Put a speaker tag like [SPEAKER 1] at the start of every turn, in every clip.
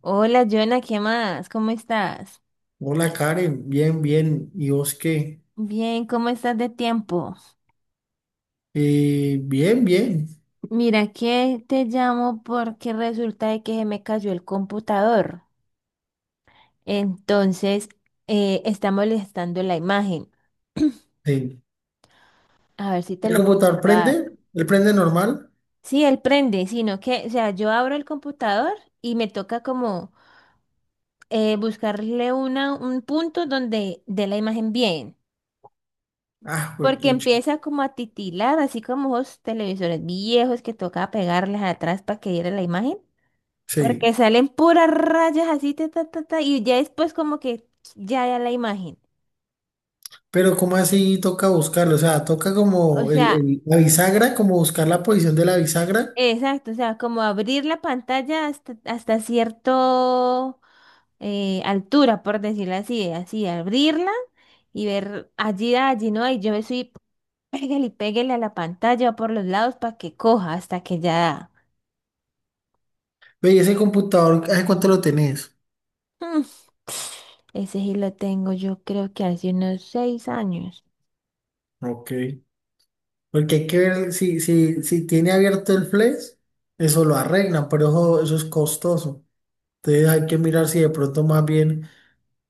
[SPEAKER 1] Hola, Joana, ¿qué más? ¿Cómo estás?
[SPEAKER 2] Hola Karen, bien, bien. ¿Y vos qué?
[SPEAKER 1] Bien, ¿cómo estás de tiempo?
[SPEAKER 2] Bien, bien.
[SPEAKER 1] Mira que te llamo porque resulta de que se me cayó el computador. Entonces, está molestando la imagen.
[SPEAKER 2] Sí.
[SPEAKER 1] A ver si te
[SPEAKER 2] ¿El
[SPEAKER 1] lo puedo
[SPEAKER 2] computador
[SPEAKER 1] llevar.
[SPEAKER 2] prende? ¿El prende normal?
[SPEAKER 1] Sí, él prende, sino que, o sea, yo abro el computador y me toca como buscarle un punto donde dé la imagen bien.
[SPEAKER 2] Ah, pues
[SPEAKER 1] Porque
[SPEAKER 2] pucha.
[SPEAKER 1] empieza como a titilar, así como esos televisores viejos que toca pegarles atrás para que diera la imagen.
[SPEAKER 2] Sí.
[SPEAKER 1] Porque salen puras rayas así, ta, ta, ta, ta, y ya después como que ya da la imagen.
[SPEAKER 2] Pero ¿cómo así toca buscarlo? O sea, toca
[SPEAKER 1] O
[SPEAKER 2] como
[SPEAKER 1] sea,
[SPEAKER 2] la bisagra, como buscar la posición de la bisagra.
[SPEAKER 1] exacto, o sea, como abrir la pantalla hasta cierto altura, por decirlo así, así, abrirla y ver allí, ¿no? Y yo me soy, pégale y pégale a la pantalla por los lados para que coja hasta que ya da.
[SPEAKER 2] Ve, ¿y ese computador, ¿hace cuánto lo tenés?
[SPEAKER 1] Mm, Ese sí lo tengo, yo creo que hace unos 6 años.
[SPEAKER 2] Ok. Porque hay que ver si, si tiene abierto el flex, eso lo arreglan, pero eso es costoso. Entonces hay que mirar si de pronto más bien.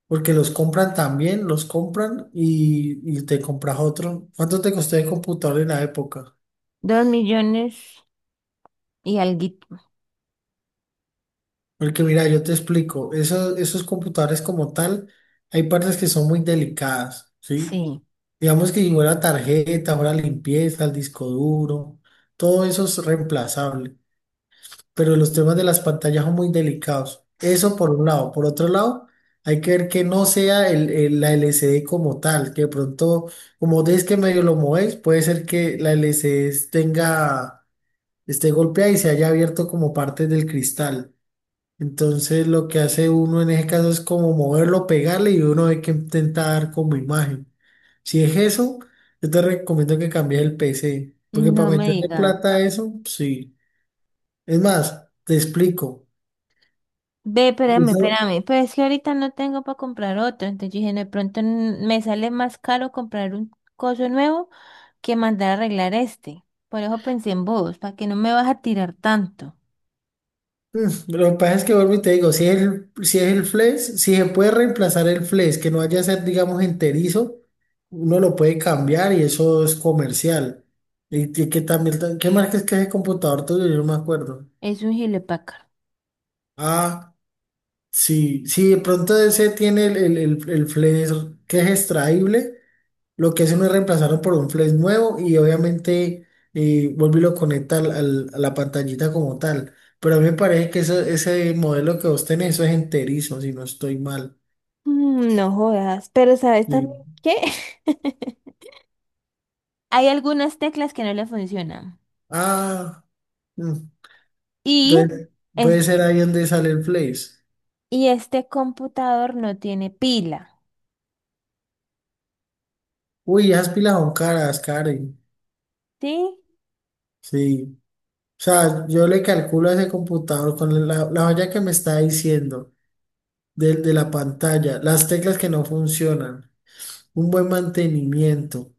[SPEAKER 2] Porque los compran también, los compran y te compras otro. ¿Cuánto te costó el computador en la época?
[SPEAKER 1] 2 millones y alguito.
[SPEAKER 2] Porque mira, yo te explico, esos, esos computadores como tal, hay partes que son muy delicadas, ¿sí?
[SPEAKER 1] Sí,
[SPEAKER 2] Digamos que si fuera tarjeta, fuera limpieza, el disco duro, todo eso es reemplazable, pero los temas de las pantallas son muy delicados. Eso por un lado. Por otro lado, hay que ver que no sea la LCD como tal, que de pronto, como des que medio lo movéis, puede ser que la LCD tenga, esté golpeada y se haya abierto como parte del cristal. Entonces, lo que hace uno en ese caso es como moverlo, pegarle y uno hay que intentar como imagen. Si es eso, yo te recomiendo que cambies el PC, porque para
[SPEAKER 1] no me
[SPEAKER 2] meterle
[SPEAKER 1] diga.
[SPEAKER 2] plata a eso, sí. Es más, te explico.
[SPEAKER 1] Ve, espérame,
[SPEAKER 2] Eso-
[SPEAKER 1] espérame. Pero es que ahorita no tengo para comprar otro. Entonces yo dije: "No, de pronto me sale más caro comprar un coso nuevo que mandar a arreglar este". Por eso pensé en vos, para que no me vas a tirar tanto.
[SPEAKER 2] lo que pasa es que vuelvo y te digo, si es el, si es el flex, si se puede reemplazar el flex, que no vaya a ser, digamos, enterizo, uno lo puede cambiar y eso es comercial. Y, que también, ¿qué marca es que es el computador tuyo? Yo no me acuerdo.
[SPEAKER 1] Es un gilepácaro.
[SPEAKER 2] Ah, sí, sí, de pronto ese tiene el flex que es extraíble. Lo que hacen es reemplazarlo por un flash nuevo y obviamente, vuelve y lo conecta a la pantallita como tal. Pero a mí me parece que ese modelo que vos tenés, eso es enterizo, si no estoy mal.
[SPEAKER 1] No jodas, pero ¿sabes también
[SPEAKER 2] Sí.
[SPEAKER 1] qué? Hay algunas teclas que no le funcionan.
[SPEAKER 2] Ah, mm,
[SPEAKER 1] Y,
[SPEAKER 2] entonces
[SPEAKER 1] es-
[SPEAKER 2] puede ser ahí donde sale el flash.
[SPEAKER 1] y este computador no tiene pila,
[SPEAKER 2] Uy, esas pilas son caras, Karen.
[SPEAKER 1] ¿sí?
[SPEAKER 2] Sí. O sea, yo le calculo a ese computador con la, la olla que me está diciendo de la pantalla, las teclas que no funcionan, un buen mantenimiento.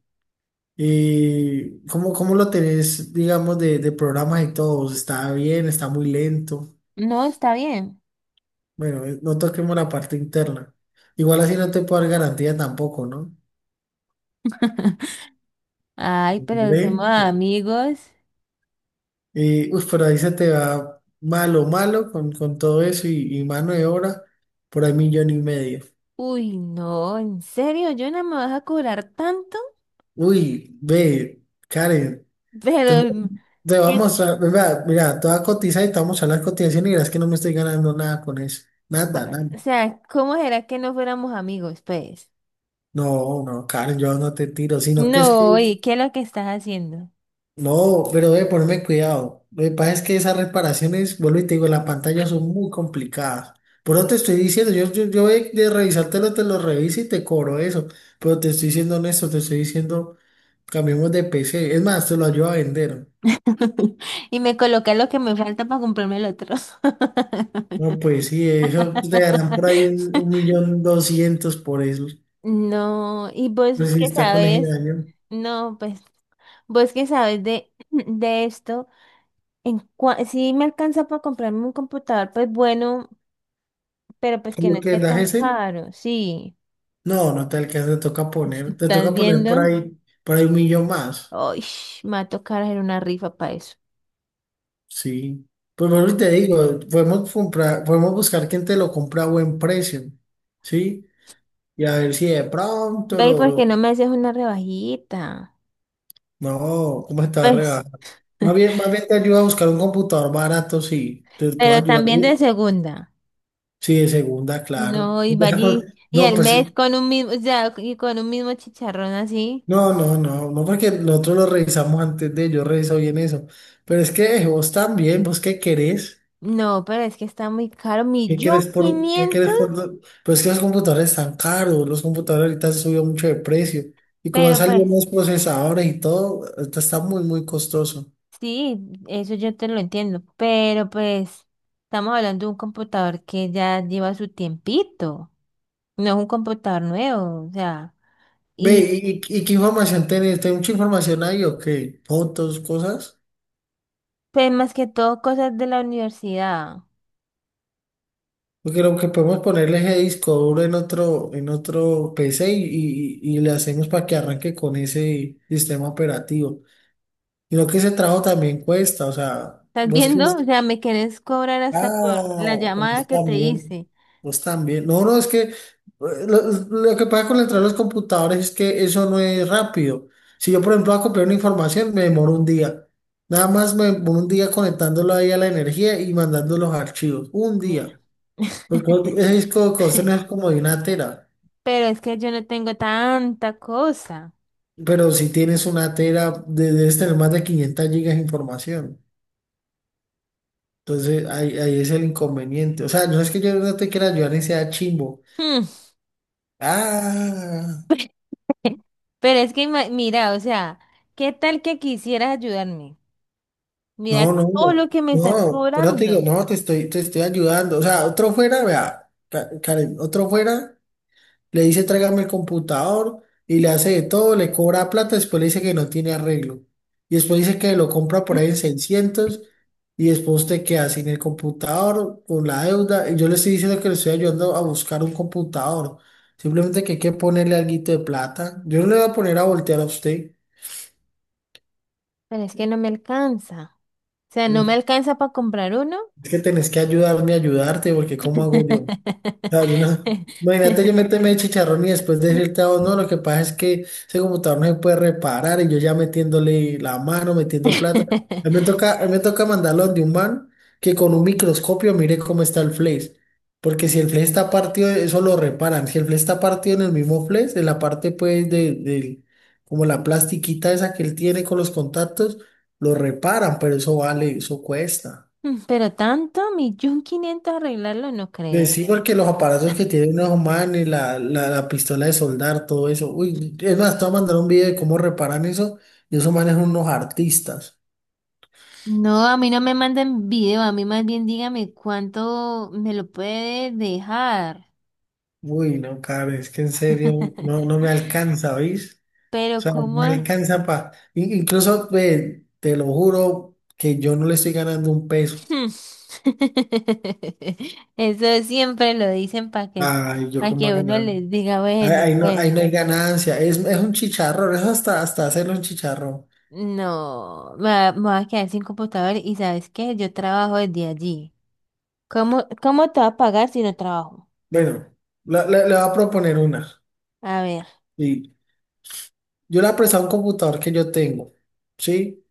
[SPEAKER 2] ¿Y cómo, cómo lo tenés, digamos, de programas y todo? ¿Está bien? ¿Está muy lento?
[SPEAKER 1] No, está bien.
[SPEAKER 2] Bueno, no toquemos la parte interna. Igual así no te puedo dar garantía tampoco, ¿no?
[SPEAKER 1] Ay, pero
[SPEAKER 2] Hombre,
[SPEAKER 1] somos amigos.
[SPEAKER 2] y, uy, pero ahí se te va malo, malo con todo eso y mano de obra por ahí millón y medio.
[SPEAKER 1] Uy, no, ¿en serio? Yo, ¿Jonah, me vas a cobrar tanto?
[SPEAKER 2] Uy, ve, Karen, te,
[SPEAKER 1] Pero,
[SPEAKER 2] te
[SPEAKER 1] ¿qué
[SPEAKER 2] vamos a, mira, mira, te voy a cotizar y te vamos a la cotización y verás que no me estoy ganando nada con eso.
[SPEAKER 1] co-
[SPEAKER 2] Nada, nada.
[SPEAKER 1] o sea, ¿cómo será que no fuéramos amigos, pues?
[SPEAKER 2] No, no, Karen, yo no te tiro, sino que es que,
[SPEAKER 1] No, ¿y qué es lo que estás haciendo?
[SPEAKER 2] no, pero debe ponerme cuidado. Lo que pasa es que esas reparaciones, vuelvo y te digo, las pantallas son muy complicadas. Por eso te estoy diciendo, yo de revisártelo, te lo reviso y te cobro eso. Pero te estoy diciendo honesto, te estoy diciendo, cambiemos de PC. Es más, te lo ayudo a vender.
[SPEAKER 1] Y me colocas lo que me falta para comprarme el otro.
[SPEAKER 2] No, pues sí, eso te darán por ahí un 1.200.000 por eso.
[SPEAKER 1] No, y
[SPEAKER 2] Pues
[SPEAKER 1] vos
[SPEAKER 2] si
[SPEAKER 1] que
[SPEAKER 2] está con ese
[SPEAKER 1] sabes,
[SPEAKER 2] daño.
[SPEAKER 1] no, pues vos que sabes de, de esto, sí me alcanza para comprarme un computador, pues bueno, pero pues
[SPEAKER 2] ¿Por
[SPEAKER 1] que no
[SPEAKER 2] lo que
[SPEAKER 1] esté
[SPEAKER 2] da
[SPEAKER 1] tan
[SPEAKER 2] ese?
[SPEAKER 1] caro, sí.
[SPEAKER 2] No, no te alcanza, te
[SPEAKER 1] ¿Estás
[SPEAKER 2] toca poner
[SPEAKER 1] viendo?
[SPEAKER 2] por ahí un millón más.
[SPEAKER 1] Uy, me va a tocar hacer una rifa para eso.
[SPEAKER 2] Sí. Pues bueno, te digo, podemos comprar, podemos buscar quien te lo compra a buen precio. Sí. Y a ver si de pronto
[SPEAKER 1] Ve, ¿y por qué no me haces una rebajita?
[SPEAKER 2] no, ¿cómo está
[SPEAKER 1] Pues,
[SPEAKER 2] regalando? Más bien te ayuda a buscar un computador barato, sí. Te puedo
[SPEAKER 1] pero
[SPEAKER 2] ayudar.
[SPEAKER 1] también de segunda.
[SPEAKER 2] Sí, de segunda, claro.
[SPEAKER 1] No, y va allí, y
[SPEAKER 2] No,
[SPEAKER 1] al
[SPEAKER 2] pues,
[SPEAKER 1] mes con un mismo, o sea, y con un mismo chicharrón así.
[SPEAKER 2] no, no, no, no, porque nosotros lo revisamos antes de, yo reviso bien eso. Pero es que vos también, vos qué querés.
[SPEAKER 1] No, pero es que está muy caro, millón
[SPEAKER 2] Qué
[SPEAKER 1] quinientos,
[SPEAKER 2] quieres por, do- pero es que los computadores están caros, los computadores ahorita han subido mucho de precio, y como han
[SPEAKER 1] pero
[SPEAKER 2] salido
[SPEAKER 1] pues,
[SPEAKER 2] más procesadores y todo, ahorita está muy, muy costoso.
[SPEAKER 1] sí, eso yo te lo entiendo, pero pues, estamos hablando de un computador que ya lleva su tiempito, no es un computador nuevo, o sea,
[SPEAKER 2] Ve,
[SPEAKER 1] y
[SPEAKER 2] ¿y, y qué información tenés? ¿Tenés mucha información ahí o qué? ¿Fotos, cosas?
[SPEAKER 1] pues más que todo cosas de la universidad,
[SPEAKER 2] Porque lo que podemos ponerle ese disco duro en otro PC y, y le hacemos para que arranque con ese sistema operativo. Y lo que ese trabajo también cuesta, o sea,
[SPEAKER 1] ¿estás
[SPEAKER 2] vos
[SPEAKER 1] viendo? O
[SPEAKER 2] crees.
[SPEAKER 1] sea, me querés cobrar hasta por la
[SPEAKER 2] Ah,
[SPEAKER 1] llamada
[SPEAKER 2] pues
[SPEAKER 1] que te
[SPEAKER 2] también,
[SPEAKER 1] hice.
[SPEAKER 2] pues también. No, no, es que lo que pasa con la entrada de los computadores es que eso no es rápido. Si yo, por ejemplo, voy a copiar una información, me demoro un día. Nada más me demoro un día conectándolo ahí a la energía y mandando los archivos. Un
[SPEAKER 1] No.
[SPEAKER 2] día. Porque un ese disco de cuestión es como de una tera.
[SPEAKER 1] Pero es que yo no tengo tanta cosa.
[SPEAKER 2] Pero si tienes una tera, debes tener más de 500 GB de información. Entonces, ahí, ahí es el inconveniente. O sea, no es que yo no te quiera ayudar ni sea chimbo.
[SPEAKER 1] Hmm.
[SPEAKER 2] Ah.
[SPEAKER 1] Pero es que, mira, o sea, ¿qué tal que quisieras ayudarme?
[SPEAKER 2] No,
[SPEAKER 1] Mira todo
[SPEAKER 2] no,
[SPEAKER 1] lo que me estás
[SPEAKER 2] no, por eso te digo,
[SPEAKER 1] cobrando.
[SPEAKER 2] no, te estoy ayudando. O sea, otro fuera, vea, Karen, otro fuera, le dice tráigame el computador y le hace de todo, le cobra plata, después le dice que no tiene arreglo. Y después dice que lo compra por ahí en 600 y después te queda sin el computador, con la deuda. Y yo le estoy diciendo que le estoy ayudando a buscar un computador. Simplemente que hay que ponerle alguito de plata. Yo no le voy a poner a voltear a usted.
[SPEAKER 1] Pero es que no me alcanza. O sea, no me
[SPEAKER 2] Mm,
[SPEAKER 1] alcanza para comprar uno.
[SPEAKER 2] es que tenés que ayudarme a ayudarte, porque ¿cómo hago yo? Claro, yo no- imagínate yo meterme de chicharrón y después decirte a vos, no, lo que pasa es que ese computador no se puede reparar y yo ya metiéndole la mano, metiendo plata. A mí me toca, a mí me toca mandarlo donde un man que con un microscopio mire cómo está el flash. Porque si el flash está partido, eso lo reparan. Si el flash está partido en el mismo flash, en la parte pues como la plastiquita esa que él tiene con los contactos, lo reparan, pero eso vale, eso cuesta.
[SPEAKER 1] Pero tanto, millón quinientos arreglarlo, no creo.
[SPEAKER 2] Sí, porque los aparatos que tienen los humanos, la pistola de soldar, todo eso. Uy, es más, te voy a mandar un video de cómo reparan eso. Y esos manes son unos artistas.
[SPEAKER 1] No, a mí no me manden video, a mí más bien dígame cuánto me lo puede dejar.
[SPEAKER 2] Uy, no, cara, es que en serio no, no me alcanza, ¿veis? O
[SPEAKER 1] Pero
[SPEAKER 2] sea, no me
[SPEAKER 1] ¿cómo?
[SPEAKER 2] alcanza para. Incluso, ve, te lo juro que yo no le estoy ganando un peso.
[SPEAKER 1] Hmm. Eso siempre lo dicen
[SPEAKER 2] Ay, yo
[SPEAKER 1] para
[SPEAKER 2] cómo va a
[SPEAKER 1] que uno
[SPEAKER 2] ganar.
[SPEAKER 1] les diga,
[SPEAKER 2] Ahí,
[SPEAKER 1] bueno,
[SPEAKER 2] ahí
[SPEAKER 1] pues
[SPEAKER 2] no hay ganancia. Es un chicharrón, eso hasta, hasta hacerlo un chicharrón.
[SPEAKER 1] no, me voy a quedar sin computador y ¿sabes qué? Yo trabajo desde allí. ¿Cómo, cómo te va a pagar si no trabajo?
[SPEAKER 2] Bueno, le voy a proponer una.
[SPEAKER 1] A ver,
[SPEAKER 2] Yo le he prestado un computador que yo tengo, ¿sí?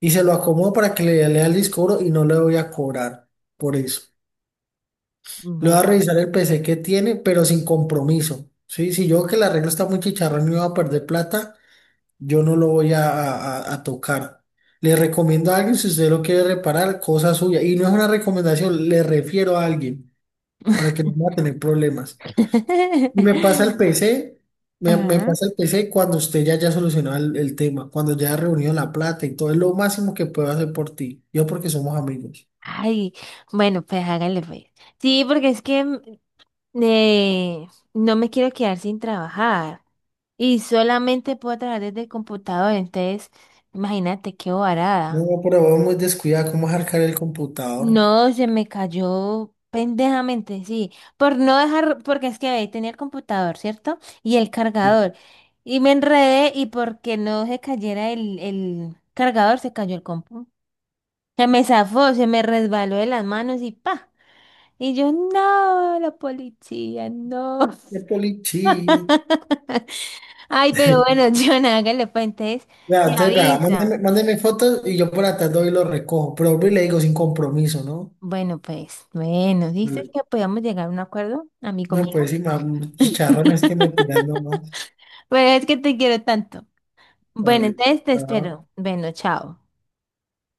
[SPEAKER 2] Y se lo acomodo para que le lea el disco duro y no le voy a cobrar por eso. Le voy a
[SPEAKER 1] bueno.
[SPEAKER 2] revisar el P C que tiene, pero sin compromiso, ¿sí? Si yo veo que el arreglo está muy chicharrón y voy a perder plata, yo no lo voy a, a tocar. Le recomiendo a alguien, si usted lo quiere reparar, cosa suya. Y no es una recomendación, le refiero a alguien para que no vaya a tener problemas. Y me pasa el PC, me
[SPEAKER 1] Ajá.
[SPEAKER 2] pasa el PC cuando usted ya haya solucionado el tema, cuando ya ha reunido la plata y todo, es lo máximo que puedo hacer por ti. Yo porque somos amigos.
[SPEAKER 1] Ay, bueno, pues hágale pues. Sí, porque es que eh, no me quiero quedar sin trabajar. Y solamente puedo trabajar desde el computador, entonces imagínate qué varada.
[SPEAKER 2] No, pero vos muy descuidado, ¿cómo arcar el computador?
[SPEAKER 1] No, se me cayó pendejamente, sí. Por no dejar, porque es que ahí tenía el computador, ¿cierto? Y el
[SPEAKER 2] Sí.
[SPEAKER 1] cargador. Y me enredé y porque no se cayera el cargador, se cayó el compu. Se me zafó, se me resbaló de las manos y pa. Y yo, no, la policía, no.
[SPEAKER 2] Qué policía.
[SPEAKER 1] Ay, pero bueno, John, hágale pues, entonces
[SPEAKER 2] Ya,
[SPEAKER 1] me
[SPEAKER 2] entonces, vea, mándeme,
[SPEAKER 1] avisa.
[SPEAKER 2] mándeme fotos y yo por atrás doy y lo recojo. Pero vuelvo y le digo sin compromiso, ¿no?
[SPEAKER 1] Bueno, pues, bueno, dices
[SPEAKER 2] Vale.
[SPEAKER 1] que podíamos llegar a un acuerdo, amigo
[SPEAKER 2] No,
[SPEAKER 1] mío.
[SPEAKER 2] pues sí, chicharrones que me tiran nomás.
[SPEAKER 1] Pero es que te quiero tanto. Bueno,
[SPEAKER 2] Vale.
[SPEAKER 1] entonces te espero.
[SPEAKER 2] Chao.
[SPEAKER 1] Bueno, chao.